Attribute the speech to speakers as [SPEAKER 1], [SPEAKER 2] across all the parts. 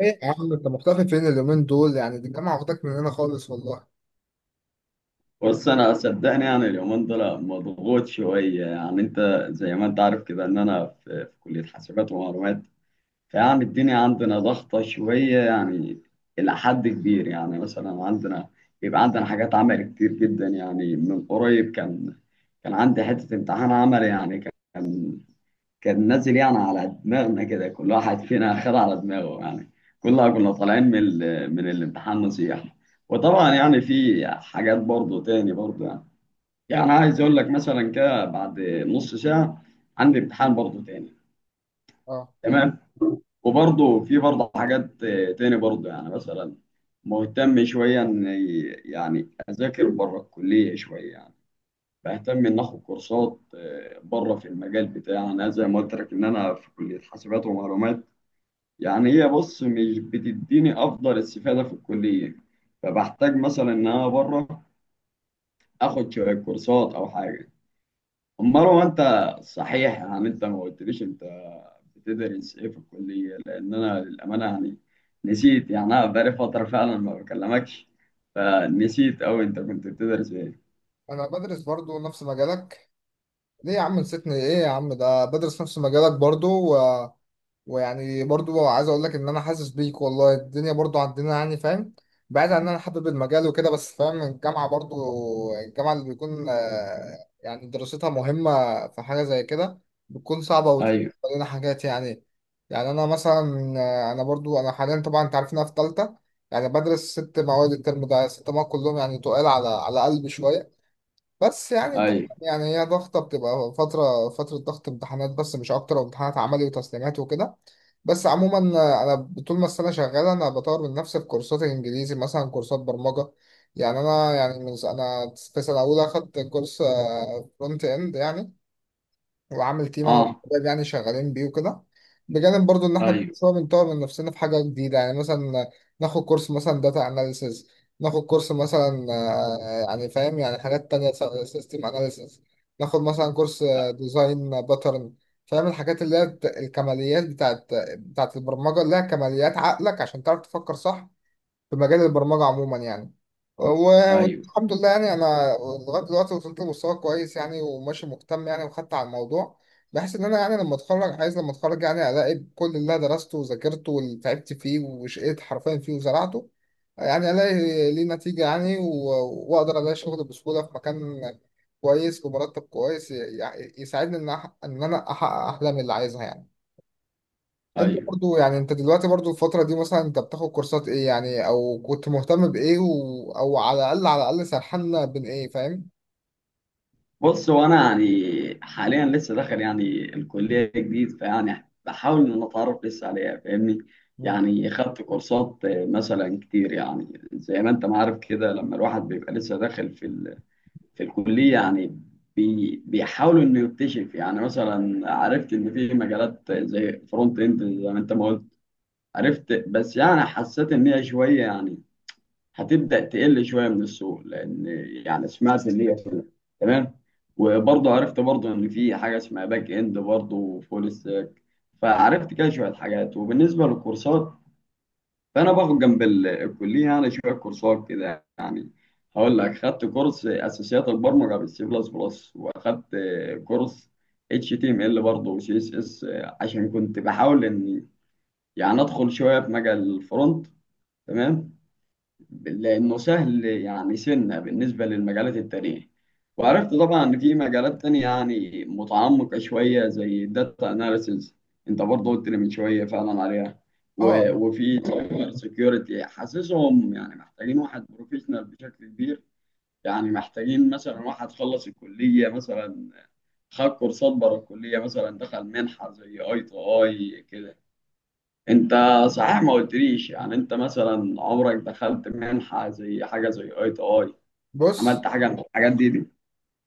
[SPEAKER 1] ايه يا عم، انت مختفي فين اليومين دول؟ يعني دي الجامعه واخداك مننا خالص والله.
[SPEAKER 2] بص، انا صدقني يعني اليومين دول مضغوط شويه. يعني انت زي ما انت عارف كده ان انا في كليه حاسبات ومعلومات. فيعني الدنيا عندنا ضغطه شويه يعني الى حد كبير. يعني مثلا عندنا بيبقى عندنا حاجات عمل كتير جدا. يعني من قريب كان عندي حته امتحان عمل يعني. كان كان نازل يعني على دماغنا كده، كل واحد فينا خد على دماغه يعني. كلنا كنا طالعين من من الامتحان نصيحه. وطبعا يعني في حاجات برضو تاني برضو يعني. يعني أنا عايز اقول لك مثلا كده، بعد نص ساعه عندي امتحان برضه تاني.
[SPEAKER 1] اه،
[SPEAKER 2] تمام. وبرضه في برضه حاجات تاني برضه. يعني مثلا مهتم شويه ان يعني اذاكر بره الكليه شويه يعني. بهتم ان اخد كورسات بره في المجال بتاعي. انا زي ما قلت لك ان انا في كليه حاسبات ومعلومات. يعني هي، بص، مش بتديني افضل استفاده في الكليه. فبحتاج مثلا ان انا بره اخد شويه كورسات او حاجه. مروه، انت صحيح يعني، انت ما قلتليش انت بتدرس ايه في الكليه؟ لان انا للامانه يعني نسيت يعني. انا بقالي فتره فعلا ما بكلمكش، فنسيت اوي انت كنت بتدرس ايه.
[SPEAKER 1] انا بدرس برضو نفس مجالك. ليه يا عم نسيتني؟ ايه يا عم، ده بدرس نفس مجالك برضو. ويعني برضو عايز اقول لك ان انا حاسس بيك والله، الدنيا برضو عندنا يعني فاهم. بعيد عن ان انا حابب المجال وكده، بس فاهم الجامعة برضو. الجامعة اللي بيكون يعني دراستها مهمة، في حاجة زي كده بتكون صعبة وتقول
[SPEAKER 2] ايوه.
[SPEAKER 1] لنا حاجات يعني. يعني انا مثلا انا برضو انا حاليا طبعا انت عارف إن انا في تالتة، يعني بدرس 6 مواد الترم ده، 6 مواد كلهم يعني تقال على قلبي شوية. بس يعني تمام،
[SPEAKER 2] ايوه.
[SPEAKER 1] يعني هي ضغطة بتبقى فترة فترة ضغط امتحانات بس مش أكتر، وامتحانات عملي وتسليمات وكده. بس عموما أنا طول ما السنة شغالة أنا بطور من نفسي في كورسات الإنجليزي مثلا كورسات برمجة. يعني أنا يعني من أنا في سنة أولى أخدت كورس فرونت إند يعني، وعامل تيم انا
[SPEAKER 2] اه.
[SPEAKER 1] والشباب يعني شغالين بيه وكده. بجانب برضو ان احنا
[SPEAKER 2] ايوه.
[SPEAKER 1] كل شويه بنطور من نفسنا في حاجه جديده، يعني مثلا ناخد كورس مثلا داتا اناليسز، ناخد كورس مثلا يعني فاهم يعني حاجات تانية، سيستم اناليسز، ناخد مثلا كورس ديزاين باترن. فاهم الحاجات اللي هي الكماليات بتاعت البرمجه اللي هي كماليات عقلك عشان تعرف تفكر صح في مجال البرمجة عموما يعني.
[SPEAKER 2] ايوه.
[SPEAKER 1] والحمد لله يعني أنا لغاية دلوقتي وصلت لمستوى كويس يعني، وماشي مهتم يعني وخدت على الموضوع، بحيث إن أنا يعني لما أتخرج عايز لما أتخرج يعني ألاقي كل اللي أنا درسته وذاكرته واللي تعبت فيه وشقيت حرفيا فيه وزرعته، يعني ألاقي ليه نتيجة يعني وأقدر ألاقي شغل بسهولة في مكان كويس بمرتب كويس يساعدني إن إن أنا أحقق أحلامي اللي عايزها يعني. انت
[SPEAKER 2] ايوه.
[SPEAKER 1] برضو يعني انت دلوقتي برضو الفترة دي مثلا انت بتاخد كورسات ايه يعني، او كنت مهتم بايه او على الاقل سرحنا بين ايه فاهم؟
[SPEAKER 2] بص، هو انا يعني حاليا لسه داخل يعني الكليه جديد. فيعني بحاول ان أنا اتعرف لسه عليها فاهمني.
[SPEAKER 1] مم.
[SPEAKER 2] يعني خدت كورسات مثلا كتير، يعني زي ما انت ما عارف كده، لما الواحد بيبقى لسه داخل في في الكلية يعني بيحاولوا إنه يكتشف. يعني مثلا عرفت إن في مجالات زي فرونت إند زي ما أنت ما قلت. عرفت، بس يعني حسيت إن هي شوية يعني هتبدأ تقل شوية من السوق، لأن يعني سمعت اللي هي كده. تمام. وبرضه عرفت برضه إن في حاجة اسمها باك إند برضه وفول ستاك. فعرفت كده شوية حاجات. وبالنسبة للكورسات، فانا باخد جنب الكليه يعني شويه كورسات كده يعني. هقول لك، خدت كورس اساسيات البرمجه بالسي بلس بلس، واخدت كورس اتش تي ام ال برضه وسي اس اس، عشان كنت بحاول اني يعني ادخل شويه في مجال الفرونت. تمام. لأنه سهل يعني سنة بالنسبة للمجالات التانية. وعرفت طبعا إن في مجالات تانية يعني متعمقة شوية زي الداتا أناليسيز، أنت برضه قلت لي من شوية فعلا عليها، و-
[SPEAKER 1] اه،
[SPEAKER 2] وفي سايبر سيكيورتي حاسسهم يعني محتاجين واحد بروفيشنال بشكل كبير. يعني محتاجين مثلا واحد خلص الكلية، مثلا خد كورسات بره الكلية، مثلا دخل منحة زي اي تو اي كده. انت صحيح ما قلتليش يعني، انت مثلا عمرك دخلت منحة زي حاجة زي اي تي اي؟
[SPEAKER 1] بص
[SPEAKER 2] عملت حاجة من الحاجات دي؟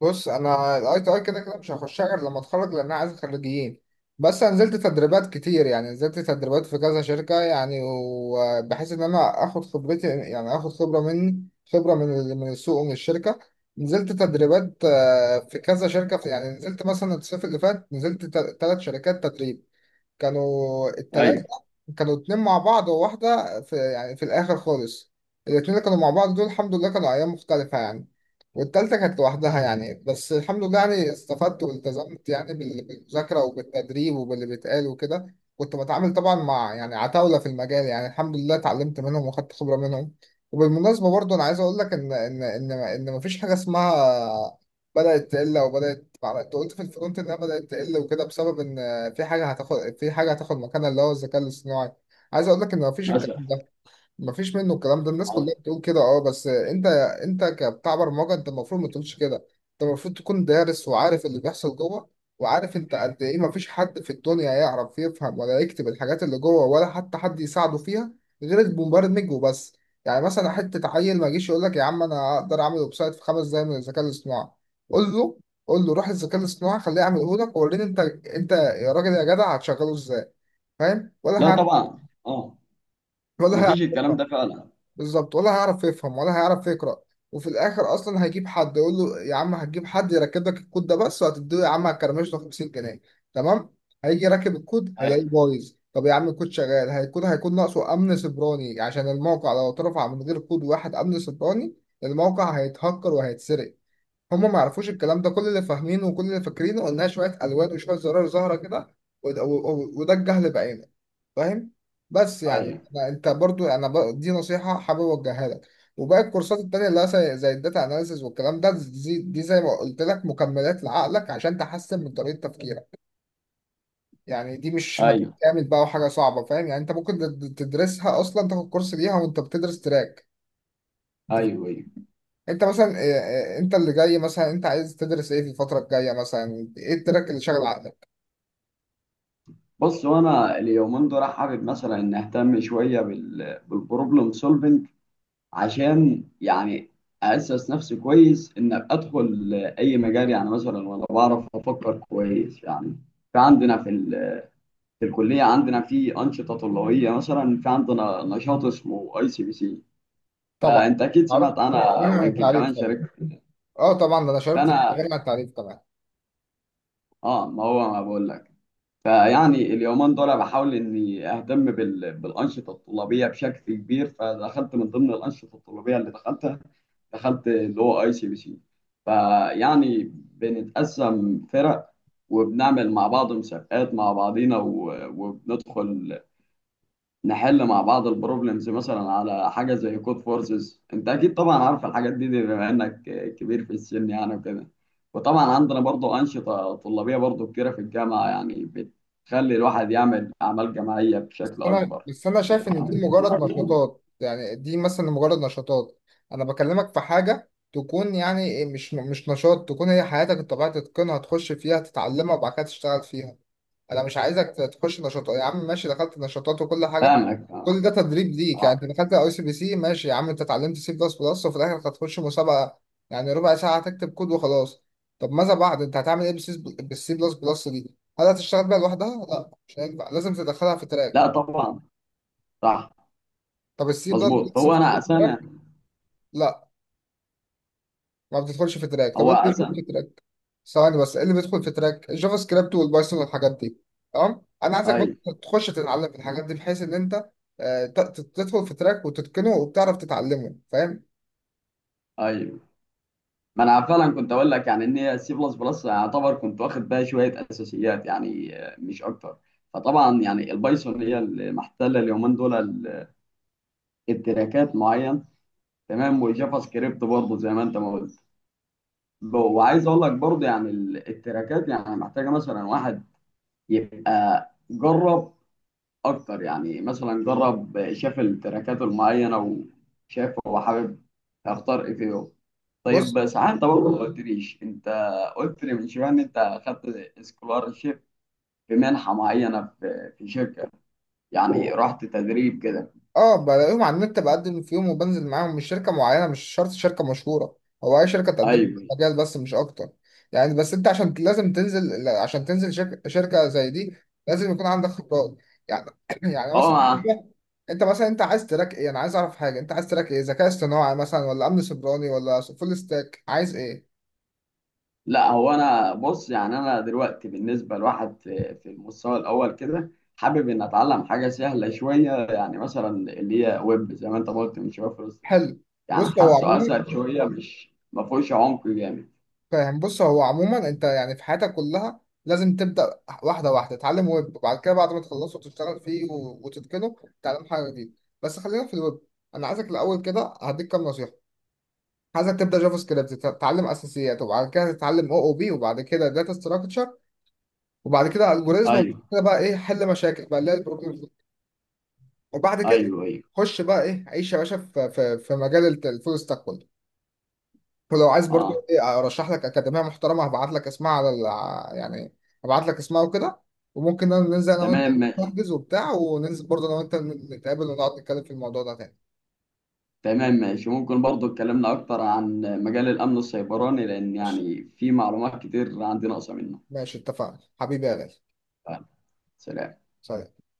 [SPEAKER 1] بص انا الاي تي اي كده كده مش هخشها غير لما اتخرج لان انا عايز خريجين. بس انا نزلت تدريبات كتير يعني، نزلت تدريبات في كذا شركة يعني، وبحيث ان انا اخد خبرتي يعني اخد خبرة مني، خبرة من من السوق ومن الشركة. نزلت تدريبات في كذا شركة، في يعني نزلت مثلا الصيف اللي فات نزلت 3 شركات تدريب. كانوا التلاتة،
[SPEAKER 2] ايوه.
[SPEAKER 1] كانوا اتنين مع بعض وواحدة في يعني في الآخر خالص. الاتنين اللي كانوا مع بعض دول الحمد لله كانوا أيام مختلفة يعني، والتالتة كانت لوحدها يعني. بس الحمد لله يعني استفدت والتزمت يعني بالمذاكرة وبالتدريب وباللي بيتقال وكده. كنت بتعامل طبعا مع يعني عتاولة في المجال، يعني الحمد لله اتعلمت منهم وخدت خبرة منهم. وبالمناسبة برضو أنا عايز أقول لك إن مفيش حاجة اسمها بدأت تقل أو بدأت أنت قلت في الفرونت إنها بدأت تقل وكده بسبب إن في حاجة هتاخد مكانها اللي هو الذكاء الاصطناعي. عايز أقول لك إن مفيش الكلام
[SPEAKER 2] مثلا.
[SPEAKER 1] ده، مفيش منه. الكلام ده الناس
[SPEAKER 2] اه.
[SPEAKER 1] كلها بتقول كده، اه، بس انت كبتاع برمجه، انت المفروض ما تقولش كده، انت المفروض تكون دارس وعارف اللي بيحصل جوه، وعارف انت قد ايه مفيش حد في الدنيا يعرف يفهم ولا يكتب الحاجات اللي جوه ولا حتى حد يساعده فيها غير المبرمج وبس. يعني مثلا حته عيل ما يجيش يقول لك يا عم انا اقدر اعمل ويب سايت في 5 دقايق من الذكاء الاصطناعي، قول له، قول له روح الذكاء الاصطناعي خليه يعمله لك ووريني انت، انت يا راجل يا جدع هتشغله ازاي؟ فاهم؟ ولا
[SPEAKER 2] لا
[SPEAKER 1] هيعمل،
[SPEAKER 2] طبعا. اه.
[SPEAKER 1] ولا
[SPEAKER 2] مفيش
[SPEAKER 1] هيعمل
[SPEAKER 2] الكلام ده فعلا.
[SPEAKER 1] بالظبط، ولا هيعرف يفهم ولا هيعرف يقرأ. وفي الآخر أصلا هيجيب حد يقول له يا عم هتجيب حد يركب لك الكود ده بس، وهتديه يا عم هتكرمش له 50 جنيه؟ تمام، هيجي راكب الكود
[SPEAKER 2] ايوه.
[SPEAKER 1] هيلاقيه بايظ. طب يا عم الكود شغال، هيكون ناقصه أمن سيبراني، عشان الموقع لو اترفع من غير كود واحد أمن سيبراني الموقع هيتهكر وهيتسرق. هما ما يعرفوش الكلام ده، كل اللي فاهمينه وكل اللي فاكرينه إنها شوية ألوان وشوية زرار ظاهرة كده، وده وده الجهل بعينه، فاهم؟ بس يعني
[SPEAKER 2] ايوه.
[SPEAKER 1] انت برضو انا دي نصيحة حابب اوجهها لك، وباقي الكورسات التانية اللي هي زي الداتا اناليسز والكلام ده، دي زي ما قلت لك مكملات لعقلك عشان تحسن من طريقة تفكيرك. يعني دي مش مجال
[SPEAKER 2] ايوه.
[SPEAKER 1] كامل بقى وحاجة صعبة، فاهم؟ يعني انت ممكن تدرسها اصلا، تاخد كورس ليها وانت بتدرس تراك. انت فا-
[SPEAKER 2] ايوه. ايوه.
[SPEAKER 1] انت مثلا انت اللي جاي مثلا انت عايز تدرس ايه في الفترة الجاية، مثلا ايه التراك اللي شاغل عقلك؟
[SPEAKER 2] بص، وانا اليومين دول حابب مثلا ان اهتم شوية بالبروبلم سولفنج، عشان يعني اسس نفسي كويس ان ابقى ادخل اي مجال، يعني مثلا وانا بعرف افكر كويس يعني. فعندنا في الكلية عندنا في أنشطة طلابية، مثلا في عندنا نشاط اسمه أي سي بي سي.
[SPEAKER 1] طبعا
[SPEAKER 2] فأنت أكيد
[SPEAKER 1] عارف،
[SPEAKER 2] سمعت عنها
[SPEAKER 1] منع
[SPEAKER 2] ويمكن
[SPEAKER 1] التعريف
[SPEAKER 2] كمان
[SPEAKER 1] طبعا.
[SPEAKER 2] شاركت.
[SPEAKER 1] اه طبعا، ده انا شاركت في
[SPEAKER 2] فأنا
[SPEAKER 1] منع التعريف طبعا.
[SPEAKER 2] ما هو ما بقول لك. فيعني اليومين دول بحاول إني أهتم بالأنشطة الطلابية بشكل كبير. فدخلت من ضمن الأنشطة الطلابية اللي دخلتها، دخلت اللي هو أي سي بي سي. فيعني بنتقسم فرق، وبنعمل مع بعض مسابقات مع بعضينا وبندخل نحل مع بعض البروبلمز مثلا على حاجه زي كود فورسز. انت اكيد طبعا عارف الحاجات دي بما انك كبير في السن يعني وكده. وطبعا عندنا برضو انشطه طلابيه برضو كتيره في الجامعه، يعني بتخلي الواحد يعمل اعمال جماعيه
[SPEAKER 1] بس
[SPEAKER 2] بشكل
[SPEAKER 1] انا
[SPEAKER 2] اكبر
[SPEAKER 1] بس انا شايف ان دي
[SPEAKER 2] يعني.
[SPEAKER 1] مجرد نشاطات، يعني دي مثلا مجرد نشاطات. انا بكلمك في حاجه تكون يعني مش نشاط، تكون هي حياتك انت بقى تتقنها، تخش فيها تتعلمها وبعد كده تشتغل فيها. انا مش عايزك تخش نشاطات يا عم، ماشي دخلت نشاطات وكل حاجه،
[SPEAKER 2] فاهمك، فاهمك.
[SPEAKER 1] كل ده تدريب ليك.
[SPEAKER 2] اه.
[SPEAKER 1] يعني انت دخلت اي سي بي سي ماشي يا عم، انت اتعلمت سي بلس بلس وفي الاخر هتخش مسابقه، يعني ربع ساعه هتكتب كود وخلاص. طب ماذا بعد، انت هتعمل ايه بالسي بلس بلس دي؟ هل هتشتغل بيها لوحدها؟ لا مش هينفع، لازم تدخلها في
[SPEAKER 2] لا
[SPEAKER 1] تراك.
[SPEAKER 2] طبعا. صح.
[SPEAKER 1] طب السي بلس
[SPEAKER 2] مظبوط.
[SPEAKER 1] بلس
[SPEAKER 2] هو انا
[SPEAKER 1] بتدخل في
[SPEAKER 2] اساسا.
[SPEAKER 1] تراك؟ لا، ما بتدخلش في تراك. طب
[SPEAKER 2] هو
[SPEAKER 1] ايه اللي بيدخل
[SPEAKER 2] اساسا.
[SPEAKER 1] في تراك؟ ثواني بس، ايه اللي بيدخل في تراك؟ الجافا سكريبت والبايثون والحاجات دي. تمام؟ انا عايزك
[SPEAKER 2] اي.
[SPEAKER 1] بقى تخش تتعلم في الحاجات دي بحيث ان انت تدخل في تراك وتتقنه وبتعرف تتعلمه، فاهم؟
[SPEAKER 2] اي. ما انا فعلا كنت اقول لك يعني ان هي سي بلس بلس يعتبر كنت واخد بها شويه اساسيات يعني، مش اكتر. فطبعا يعني البايثون هي اللي محتله اليومين دول، التراكات معين. تمام. والجافا سكريبت برضه زي ما انت ما قلت. وعايز اقول لك برضه يعني التراكات يعني محتاجه مثلا واحد يبقى جرب اكتر، يعني مثلا جرب شاف التراكات المعينه وشاف هو حابب اختار ايه فيهم.
[SPEAKER 1] بص،
[SPEAKER 2] طيب، ساعات انت برضه ما قلتليش، انت قلت لي من شويه ان انت اخدت سكولارشيب في منحه معينه في شركه، يعني رحت تدريب كده.
[SPEAKER 1] اه بلاقيهم على النت، بقدم فيهم وبنزل معاهم، مش شركة معينة، مش شرط شركة مشهورة. هو اي شركة تقدم لك
[SPEAKER 2] ايوه.
[SPEAKER 1] مجال بس، مش اكتر. يعني بس انت عشان لازم تنزل، عشان تنزل شركة زي دي لازم يكون عندك خبرات. يعني يعني مثلا،
[SPEAKER 2] هو
[SPEAKER 1] انت مثلا انت عايز تراك ايه؟ انا عايز اعرف حاجه، انت عايز تراك ايه؟ ذكاء اصطناعي مثلا ولا امن سيبراني ولا فول ستاك؟ عايز ايه؟
[SPEAKER 2] لا، هو انا بص يعني انا دلوقتي بالنسبه لواحد في المستوى الاول كده حابب ان اتعلم حاجه سهله شويه، يعني مثلا اللي هي ويب زي ما انت قلت من شويه.
[SPEAKER 1] حلو.
[SPEAKER 2] يعني
[SPEAKER 1] بص هو
[SPEAKER 2] حاسه
[SPEAKER 1] عموما
[SPEAKER 2] اسهل شويه مش ما فيهوش عمق جامد.
[SPEAKER 1] بص هو عموما، انت يعني في حياتك كلها لازم تبدا واحده واحده، تتعلم ويب وبعد كده بعد ما تخلصه تشتغل فيه وتتقنه، تتعلم حاجه جديده. بس خلينا في الويب، انا عايزك الاول كده هديك كام نصيحه. عايزك تبدا جافا سكريبت، تتعلم اساسيات، وبعد كده تتعلم او او بي، وبعد كده داتا ستراكشر، وبعد كده الجوريزم، وبعد
[SPEAKER 2] ايوه.
[SPEAKER 1] كده بقى ايه حل مشاكل بقى اللي هي البروبلم، وبعد كده
[SPEAKER 2] ايوه. ايوه.
[SPEAKER 1] خش بقى ايه عيش يا باشا في في مجال الفول ستاك كله. ولو عايز برضو
[SPEAKER 2] اه.
[SPEAKER 1] ايه ارشح لك اكاديميه محترمه هبعت لك اسمها على يعني هبعت لك اسمها وكده. وممكن ننزل انا وانت
[SPEAKER 2] تمام ماشي.
[SPEAKER 1] نحجز وبتاع، وننزل برضو انا وانت نتقابل ونقعد نتكلم في الموضوع ده تاني.
[SPEAKER 2] تمام ماشي. ممكن برضو اتكلمنا اكتر عن مجال الامن السيبراني، لان
[SPEAKER 1] ماشي،
[SPEAKER 2] يعني في معلومات كتير عندي ناقصه منه.
[SPEAKER 1] ماشي، اتفقنا حبيبي يا غالي.
[SPEAKER 2] يلا، سلام.
[SPEAKER 1] سلام.